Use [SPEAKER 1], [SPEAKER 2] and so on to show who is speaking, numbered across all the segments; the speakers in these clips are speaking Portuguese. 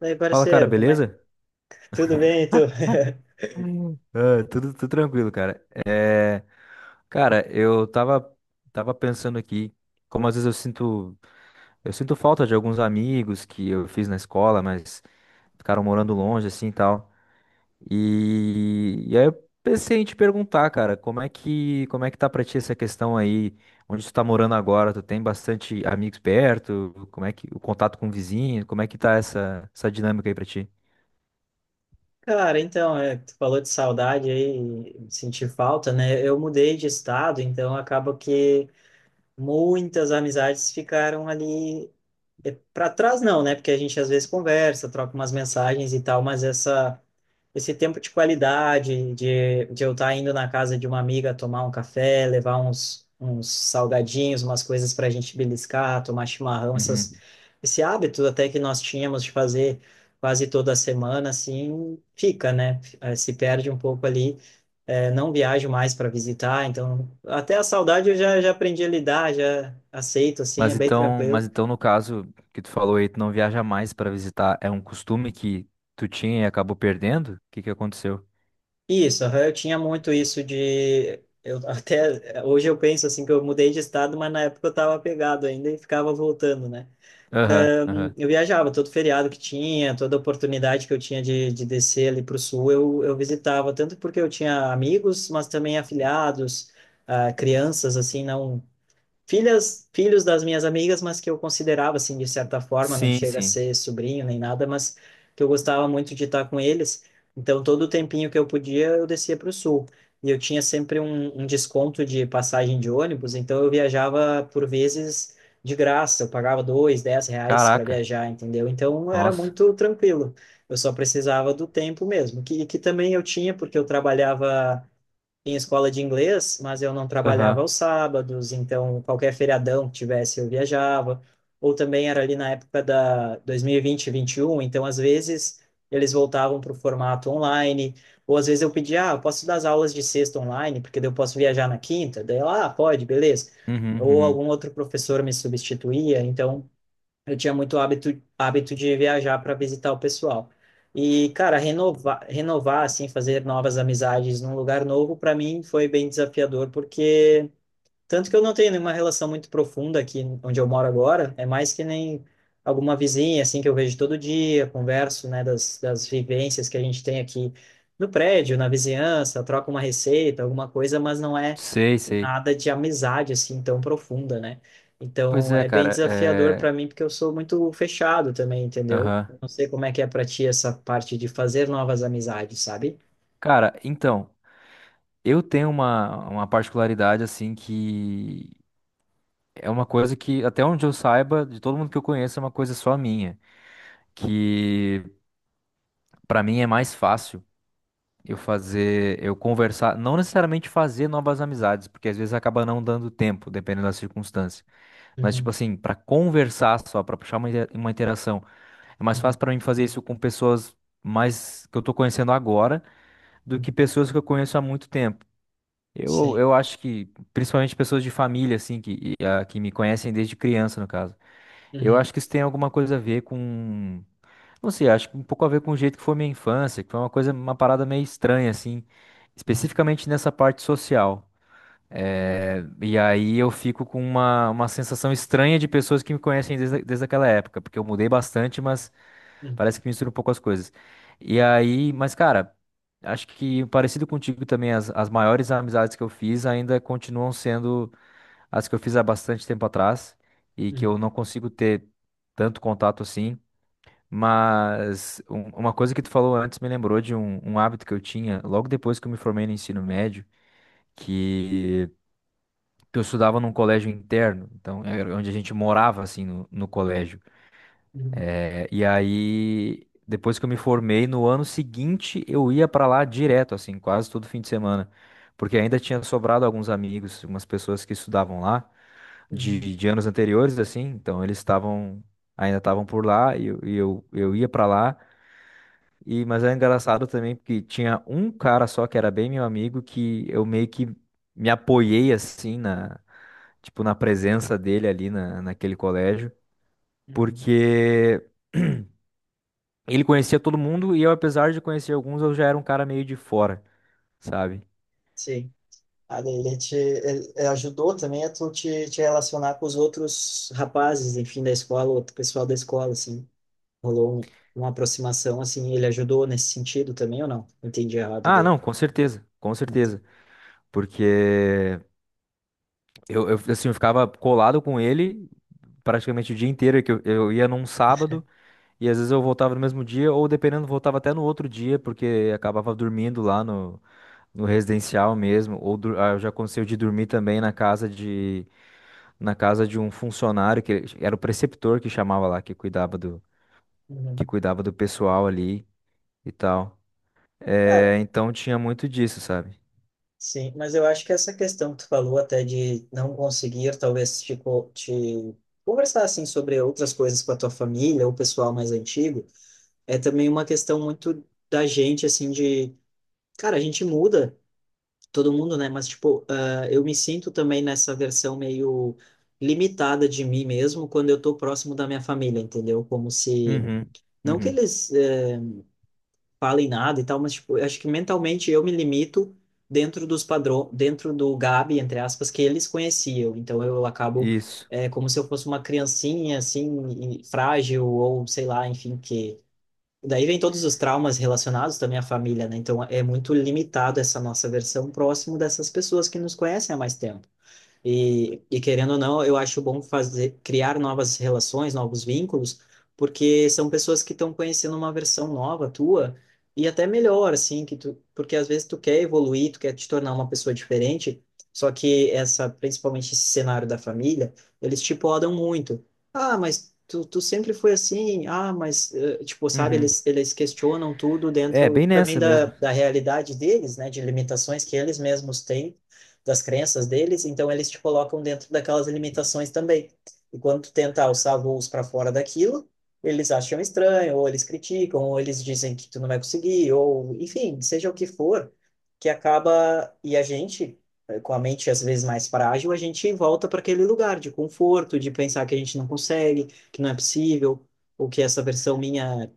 [SPEAKER 1] Daí,
[SPEAKER 2] Fala, cara,
[SPEAKER 1] parceiro, como é?
[SPEAKER 2] beleza?
[SPEAKER 1] Tudo bem, e tu?
[SPEAKER 2] Hum. Ah, tudo tranquilo, cara. Cara, tava pensando aqui, como às vezes eu sinto falta de alguns amigos que eu fiz na escola, mas ficaram morando longe, assim, e tal. E aí eu pensei em te perguntar, cara, como é que tá pra ti essa questão aí? Onde tu tá morando agora? Tu tem bastante amigos perto? Como é que, o contato com o vizinho? Como é que tá essa dinâmica aí pra ti?
[SPEAKER 1] Cara, então, é, tu falou de saudade aí, sentir falta, né? Eu mudei de estado, então acaba que muitas amizades ficaram ali para trás não, né? Porque a gente às vezes conversa, troca umas mensagens e tal, mas essa esse tempo de qualidade, de eu estar indo na casa de uma amiga tomar um café, levar uns salgadinhos, umas coisas para a gente beliscar, tomar chimarrão, essas,
[SPEAKER 2] Uhum.
[SPEAKER 1] esse hábito até que nós tínhamos de fazer quase toda semana, assim, fica, né? Se perde um pouco ali, não viajo mais para visitar, então até a saudade eu já aprendi a lidar, já aceito, assim, é
[SPEAKER 2] Mas
[SPEAKER 1] bem
[SPEAKER 2] então, mas
[SPEAKER 1] tranquilo.
[SPEAKER 2] então no caso que tu falou aí, tu não viaja mais pra visitar, é um costume que tu tinha e acabou perdendo? O que que aconteceu?
[SPEAKER 1] Isso, aham, eu tinha muito isso de. Eu até hoje eu penso assim que eu mudei de estado, mas na época eu estava pegado ainda e ficava voltando, né?
[SPEAKER 2] Aham, aham.
[SPEAKER 1] Eu viajava todo feriado que tinha, toda oportunidade que eu tinha de descer ali para o sul, eu visitava, tanto porque eu tinha amigos, mas também afilhados, ah, crianças, assim, não filhas, filhos das minhas amigas, mas que eu considerava assim de certa forma, não
[SPEAKER 2] Sim,
[SPEAKER 1] chega a
[SPEAKER 2] sim.
[SPEAKER 1] ser sobrinho nem nada, mas que eu gostava muito de estar com eles. Então, todo o tempinho que eu podia, eu descia para o sul. E eu tinha sempre um desconto de passagem de ônibus, então eu viajava por vezes de graça, eu pagava dois, R$ 10 para
[SPEAKER 2] Caraca,
[SPEAKER 1] viajar, entendeu? Então era
[SPEAKER 2] nossa.
[SPEAKER 1] muito tranquilo. Eu só precisava do tempo mesmo, que também eu tinha, porque eu trabalhava em escola de inglês, mas eu não trabalhava
[SPEAKER 2] Aham.
[SPEAKER 1] aos sábados, então qualquer feriadão que tivesse eu viajava. Ou também era ali na época da 2020 e 21, então às vezes eles voltavam para o formato online, ou às vezes eu pedia, ah, eu posso dar as aulas de sexta online, porque daí eu posso viajar na quinta, daí ela, ah, pode, beleza.
[SPEAKER 2] Uhum,
[SPEAKER 1] Ou
[SPEAKER 2] uhum.
[SPEAKER 1] algum outro professor me substituía, então eu tinha muito hábito de viajar para visitar o pessoal. E, cara, renovar, renovar, assim, fazer novas amizades num lugar novo, para mim foi bem desafiador, porque tanto que eu não tenho nenhuma relação muito profunda aqui onde eu moro agora, é mais que nem alguma vizinha, assim, que eu vejo todo dia, converso, né, das vivências que a gente tem aqui no prédio, na vizinhança, troca uma receita, alguma coisa, mas não é
[SPEAKER 2] Sei, sei.
[SPEAKER 1] nada de amizade, assim, tão profunda, né?
[SPEAKER 2] Pois
[SPEAKER 1] Então,
[SPEAKER 2] é,
[SPEAKER 1] é bem
[SPEAKER 2] cara,
[SPEAKER 1] desafiador
[SPEAKER 2] é...
[SPEAKER 1] para mim, porque eu sou muito fechado também, entendeu?
[SPEAKER 2] Aham.
[SPEAKER 1] Eu não sei como é que é para ti essa parte de fazer novas amizades, sabe?
[SPEAKER 2] Cara, então, eu tenho uma particularidade, assim, que é uma coisa que, até onde eu saiba, de todo mundo que eu conheço, é uma coisa só minha, que pra mim é mais fácil eu fazer, eu conversar, não necessariamente fazer novas amizades, porque às vezes acaba não dando tempo, dependendo da circunstância. Mas, tipo
[SPEAKER 1] Uhum,
[SPEAKER 2] assim, para conversar só, para puxar uma, uma interação, é mais
[SPEAKER 1] uhum,
[SPEAKER 2] fácil para mim fazer isso com pessoas mais que eu tô conhecendo agora do que
[SPEAKER 1] uhum.
[SPEAKER 2] pessoas que eu conheço há muito tempo. Eu,
[SPEAKER 1] Sim.
[SPEAKER 2] eu acho que, principalmente pessoas de família, assim, que, e, ah, que me conhecem desde criança, no caso. Eu
[SPEAKER 1] Uhum,
[SPEAKER 2] acho que isso tem alguma coisa a ver com. Não sei, acho que um pouco a ver com o jeito que foi minha infância, que foi uma coisa, uma parada meio estranha, assim,
[SPEAKER 1] uhum,
[SPEAKER 2] especificamente nessa parte social. E aí eu fico com uma sensação estranha de pessoas que me conhecem desde aquela época, porque eu mudei bastante, mas
[SPEAKER 1] uhum,
[SPEAKER 2] parece que mistura um pouco as coisas. E aí, mas cara, acho que parecido contigo também, as maiores amizades que eu fiz ainda continuam sendo as que eu fiz há bastante tempo atrás e que
[SPEAKER 1] uhum,
[SPEAKER 2] eu não consigo ter tanto contato assim. Mas uma coisa que tu falou antes me lembrou de um, um hábito que eu tinha logo depois que eu me formei no ensino médio, que, que eu estudava num colégio interno, então era onde a gente morava assim no colégio.
[SPEAKER 1] uhum.
[SPEAKER 2] É, e aí, depois que eu me formei, no ano seguinte eu ia pra lá direto, assim, quase todo fim de semana. Porque ainda tinha sobrado alguns amigos, umas pessoas que estudavam lá
[SPEAKER 1] Uhum,
[SPEAKER 2] de anos anteriores, assim, então eles estavam, ainda estavam por lá e eu ia pra lá. E, mas é engraçado também porque tinha um cara só que era bem meu amigo que eu meio que me apoiei assim na, tipo, na presença dele ali naquele colégio,
[SPEAKER 1] uhum.
[SPEAKER 2] porque ele conhecia todo mundo e eu, apesar de conhecer alguns, eu já era um cara meio de fora, sabe?
[SPEAKER 1] Sim. Ah, daí ele te ele ajudou também a tu te relacionar com os outros rapazes, enfim, da escola, outro pessoal da escola, assim. Rolou uma aproximação, assim, ele ajudou nesse sentido também ou não? Entendi errado
[SPEAKER 2] Ah,
[SPEAKER 1] daí.
[SPEAKER 2] não, com certeza, com
[SPEAKER 1] Então,
[SPEAKER 2] certeza. Porque assim, eu ficava colado com ele praticamente o dia inteiro, que eu ia num sábado e às vezes eu voltava no mesmo dia, ou dependendo, voltava até no outro dia, porque acabava dormindo lá no residencial mesmo, ou ah, já aconteceu de dormir também na casa de um funcionário que era o preceptor que chamava lá, que
[SPEAKER 1] uhum.
[SPEAKER 2] cuidava do pessoal ali. E tal. É,
[SPEAKER 1] Cara,
[SPEAKER 2] então tinha muito disso, sabe?
[SPEAKER 1] sim, mas eu acho que essa questão que tu falou até de não conseguir, talvez, tipo, te conversar, assim, sobre outras coisas com a tua família ou o pessoal mais antigo, é também uma questão muito da gente, assim, de, cara, a gente muda todo mundo, né? Mas, tipo, ah, eu me sinto também nessa versão meio limitada de mim mesmo quando eu tô próximo da minha família, entendeu? Como se.
[SPEAKER 2] Uhum,
[SPEAKER 1] Não que
[SPEAKER 2] uhum,
[SPEAKER 1] eles falem nada e tal, mas, tipo, eu acho que mentalmente eu me limito dentro dos padrões, dentro do Gabi, entre aspas, que eles conheciam. Então eu acabo.
[SPEAKER 2] isso.
[SPEAKER 1] É como se eu fosse uma criancinha, assim, e frágil, ou sei lá, enfim, que daí vem todos os traumas relacionados também à família, né? Então é muito limitado essa nossa versão próximo dessas pessoas que nos conhecem há mais tempo. E querendo ou não, eu acho bom fazer, criar novas relações, novos vínculos, porque são pessoas que estão conhecendo uma versão nova tua e até melhor, assim, que tu, porque às vezes tu quer evoluir, tu quer te tornar uma pessoa diferente, só que essa, principalmente esse cenário da família, eles te podam muito. Ah, mas tu, tu sempre foi assim, ah, mas, eh, tipo, sabe,
[SPEAKER 2] Uhum.
[SPEAKER 1] eles questionam tudo
[SPEAKER 2] É,
[SPEAKER 1] dentro
[SPEAKER 2] bem
[SPEAKER 1] também
[SPEAKER 2] nessa
[SPEAKER 1] da,
[SPEAKER 2] mesmo.
[SPEAKER 1] da realidade deles, né, de limitações que eles mesmos têm das crenças deles, então eles te colocam dentro daquelas limitações também. E quando tu tenta alçar voos para fora daquilo, eles acham estranho, ou eles criticam, ou eles dizem que tu não vai conseguir, ou enfim, seja o que for, que acaba e a gente com a mente às vezes mais frágil, a gente volta para aquele lugar de conforto, de pensar que a gente não consegue, que não é possível, ou que essa versão minha,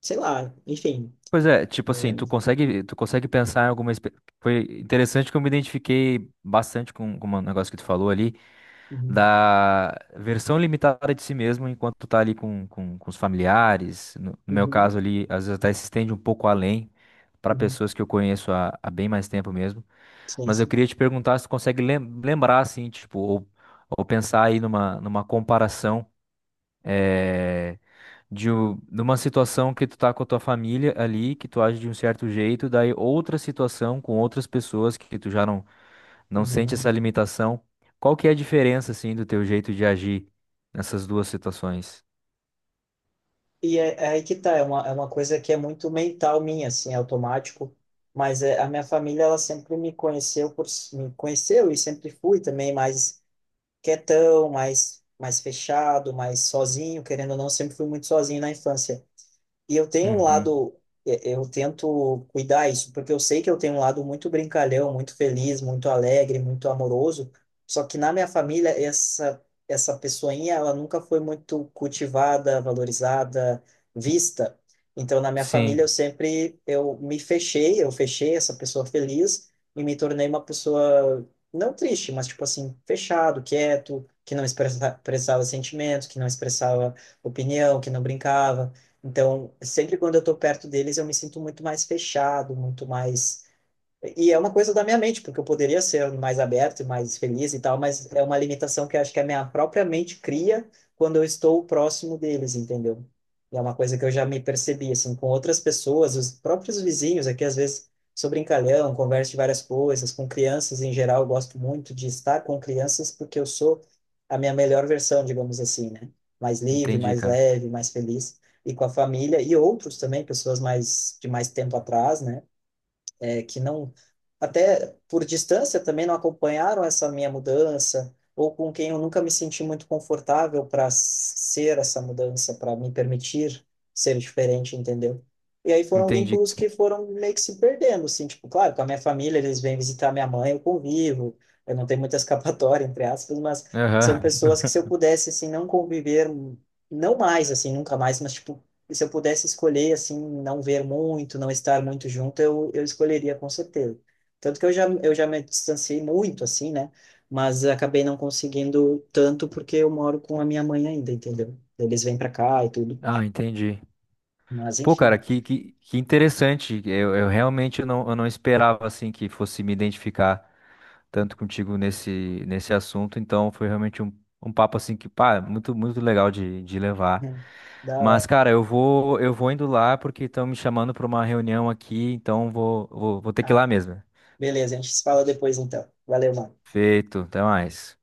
[SPEAKER 1] sei lá, enfim.
[SPEAKER 2] Pois é, tipo assim, tu consegue pensar em alguma. Foi interessante que eu me identifiquei bastante com um negócio que tu falou ali,
[SPEAKER 1] Uhum,
[SPEAKER 2] da versão limitada de si mesmo enquanto tu tá ali com os familiares. No meu caso
[SPEAKER 1] uhum,
[SPEAKER 2] ali, às vezes até se estende um pouco além para
[SPEAKER 1] uhum.
[SPEAKER 2] pessoas que eu conheço há bem mais tempo mesmo.
[SPEAKER 1] Sim,
[SPEAKER 2] Mas eu
[SPEAKER 1] sim.
[SPEAKER 2] queria te perguntar se tu consegue lembrar, assim, tipo, ou pensar aí numa, numa comparação é, de, numa situação que tu tá com a tua família ali, que tu age de um certo jeito, daí outra situação com outras pessoas que tu já não sente
[SPEAKER 1] Uhum.
[SPEAKER 2] essa limitação. Qual que é a diferença, assim, do teu jeito de agir nessas duas situações?
[SPEAKER 1] E é aí que tá, é uma coisa que é muito mental minha, assim, é automático, mas é, a minha família, ela sempre me conheceu me conheceu e sempre fui também mais quietão, mais fechado, mais sozinho, querendo ou não, sempre fui muito sozinho na infância. E eu tenho um
[SPEAKER 2] Uhum.
[SPEAKER 1] lado, eu tento cuidar isso, porque eu sei que eu tenho um lado muito brincalhão, muito feliz, muito alegre, muito amoroso. Só que na minha família, essa pessoinha, ela nunca foi muito cultivada, valorizada, vista. Então, na minha família, eu
[SPEAKER 2] Sim,
[SPEAKER 1] sempre, eu me fechei, eu fechei essa pessoa feliz e me tornei uma pessoa, não triste, mas tipo assim, fechado, quieto, que não expressava sentimentos, que não expressava opinião, que não brincava. Então, sempre quando eu estou perto deles, eu me sinto muito mais fechado, muito mais e é uma coisa da minha mente, porque eu poderia ser mais aberto, mais feliz e tal, mas é uma limitação que eu acho que a minha própria mente cria quando eu estou próximo deles, entendeu? E é uma coisa que eu já me percebi, assim, com outras pessoas, os próprios vizinhos aqui, às vezes, sou brincalhão, converso de várias coisas, com crianças em geral, eu gosto muito de estar com crianças porque eu sou a minha melhor versão, digamos assim, né? Mais livre,
[SPEAKER 2] entendi,
[SPEAKER 1] mais
[SPEAKER 2] cara.
[SPEAKER 1] leve, mais feliz. E com a família e outros também, pessoas mais de mais tempo atrás, né? É, que não, até por distância também não acompanharam essa minha mudança, ou com quem eu nunca me senti muito confortável para ser essa mudança, para me permitir ser diferente, entendeu? E aí foram
[SPEAKER 2] Entendi.
[SPEAKER 1] vínculos que foram meio que se perdendo, assim, tipo, claro, com a minha família, eles vêm visitar minha mãe, eu convivo, eu não tenho muita escapatória, entre aspas, mas são
[SPEAKER 2] Aham.
[SPEAKER 1] pessoas que se eu pudesse, assim, não conviver, não mais, assim, nunca mais, mas, tipo, se eu pudesse escolher, assim, não ver muito, não estar muito junto, eu escolheria com certeza. Tanto que eu já me distanciei muito, assim, né? Mas acabei não conseguindo tanto porque eu moro com a minha mãe ainda, entendeu? Eles vêm para cá e tudo.
[SPEAKER 2] Ah, entendi.
[SPEAKER 1] Mas,
[SPEAKER 2] Pô, cara,
[SPEAKER 1] enfim,
[SPEAKER 2] que interessante. Eu realmente não, eu não esperava assim que fosse me identificar tanto contigo nesse assunto. Então foi realmente um, um papo assim que, pá, muito legal de levar.
[SPEAKER 1] da
[SPEAKER 2] Mas,
[SPEAKER 1] hora.
[SPEAKER 2] cara, eu vou indo lá porque estão me chamando para uma reunião aqui, então vou ter que ir lá
[SPEAKER 1] Ah,
[SPEAKER 2] mesmo.
[SPEAKER 1] beleza, a gente se fala depois, então. Valeu, mano.
[SPEAKER 2] Feito, até mais.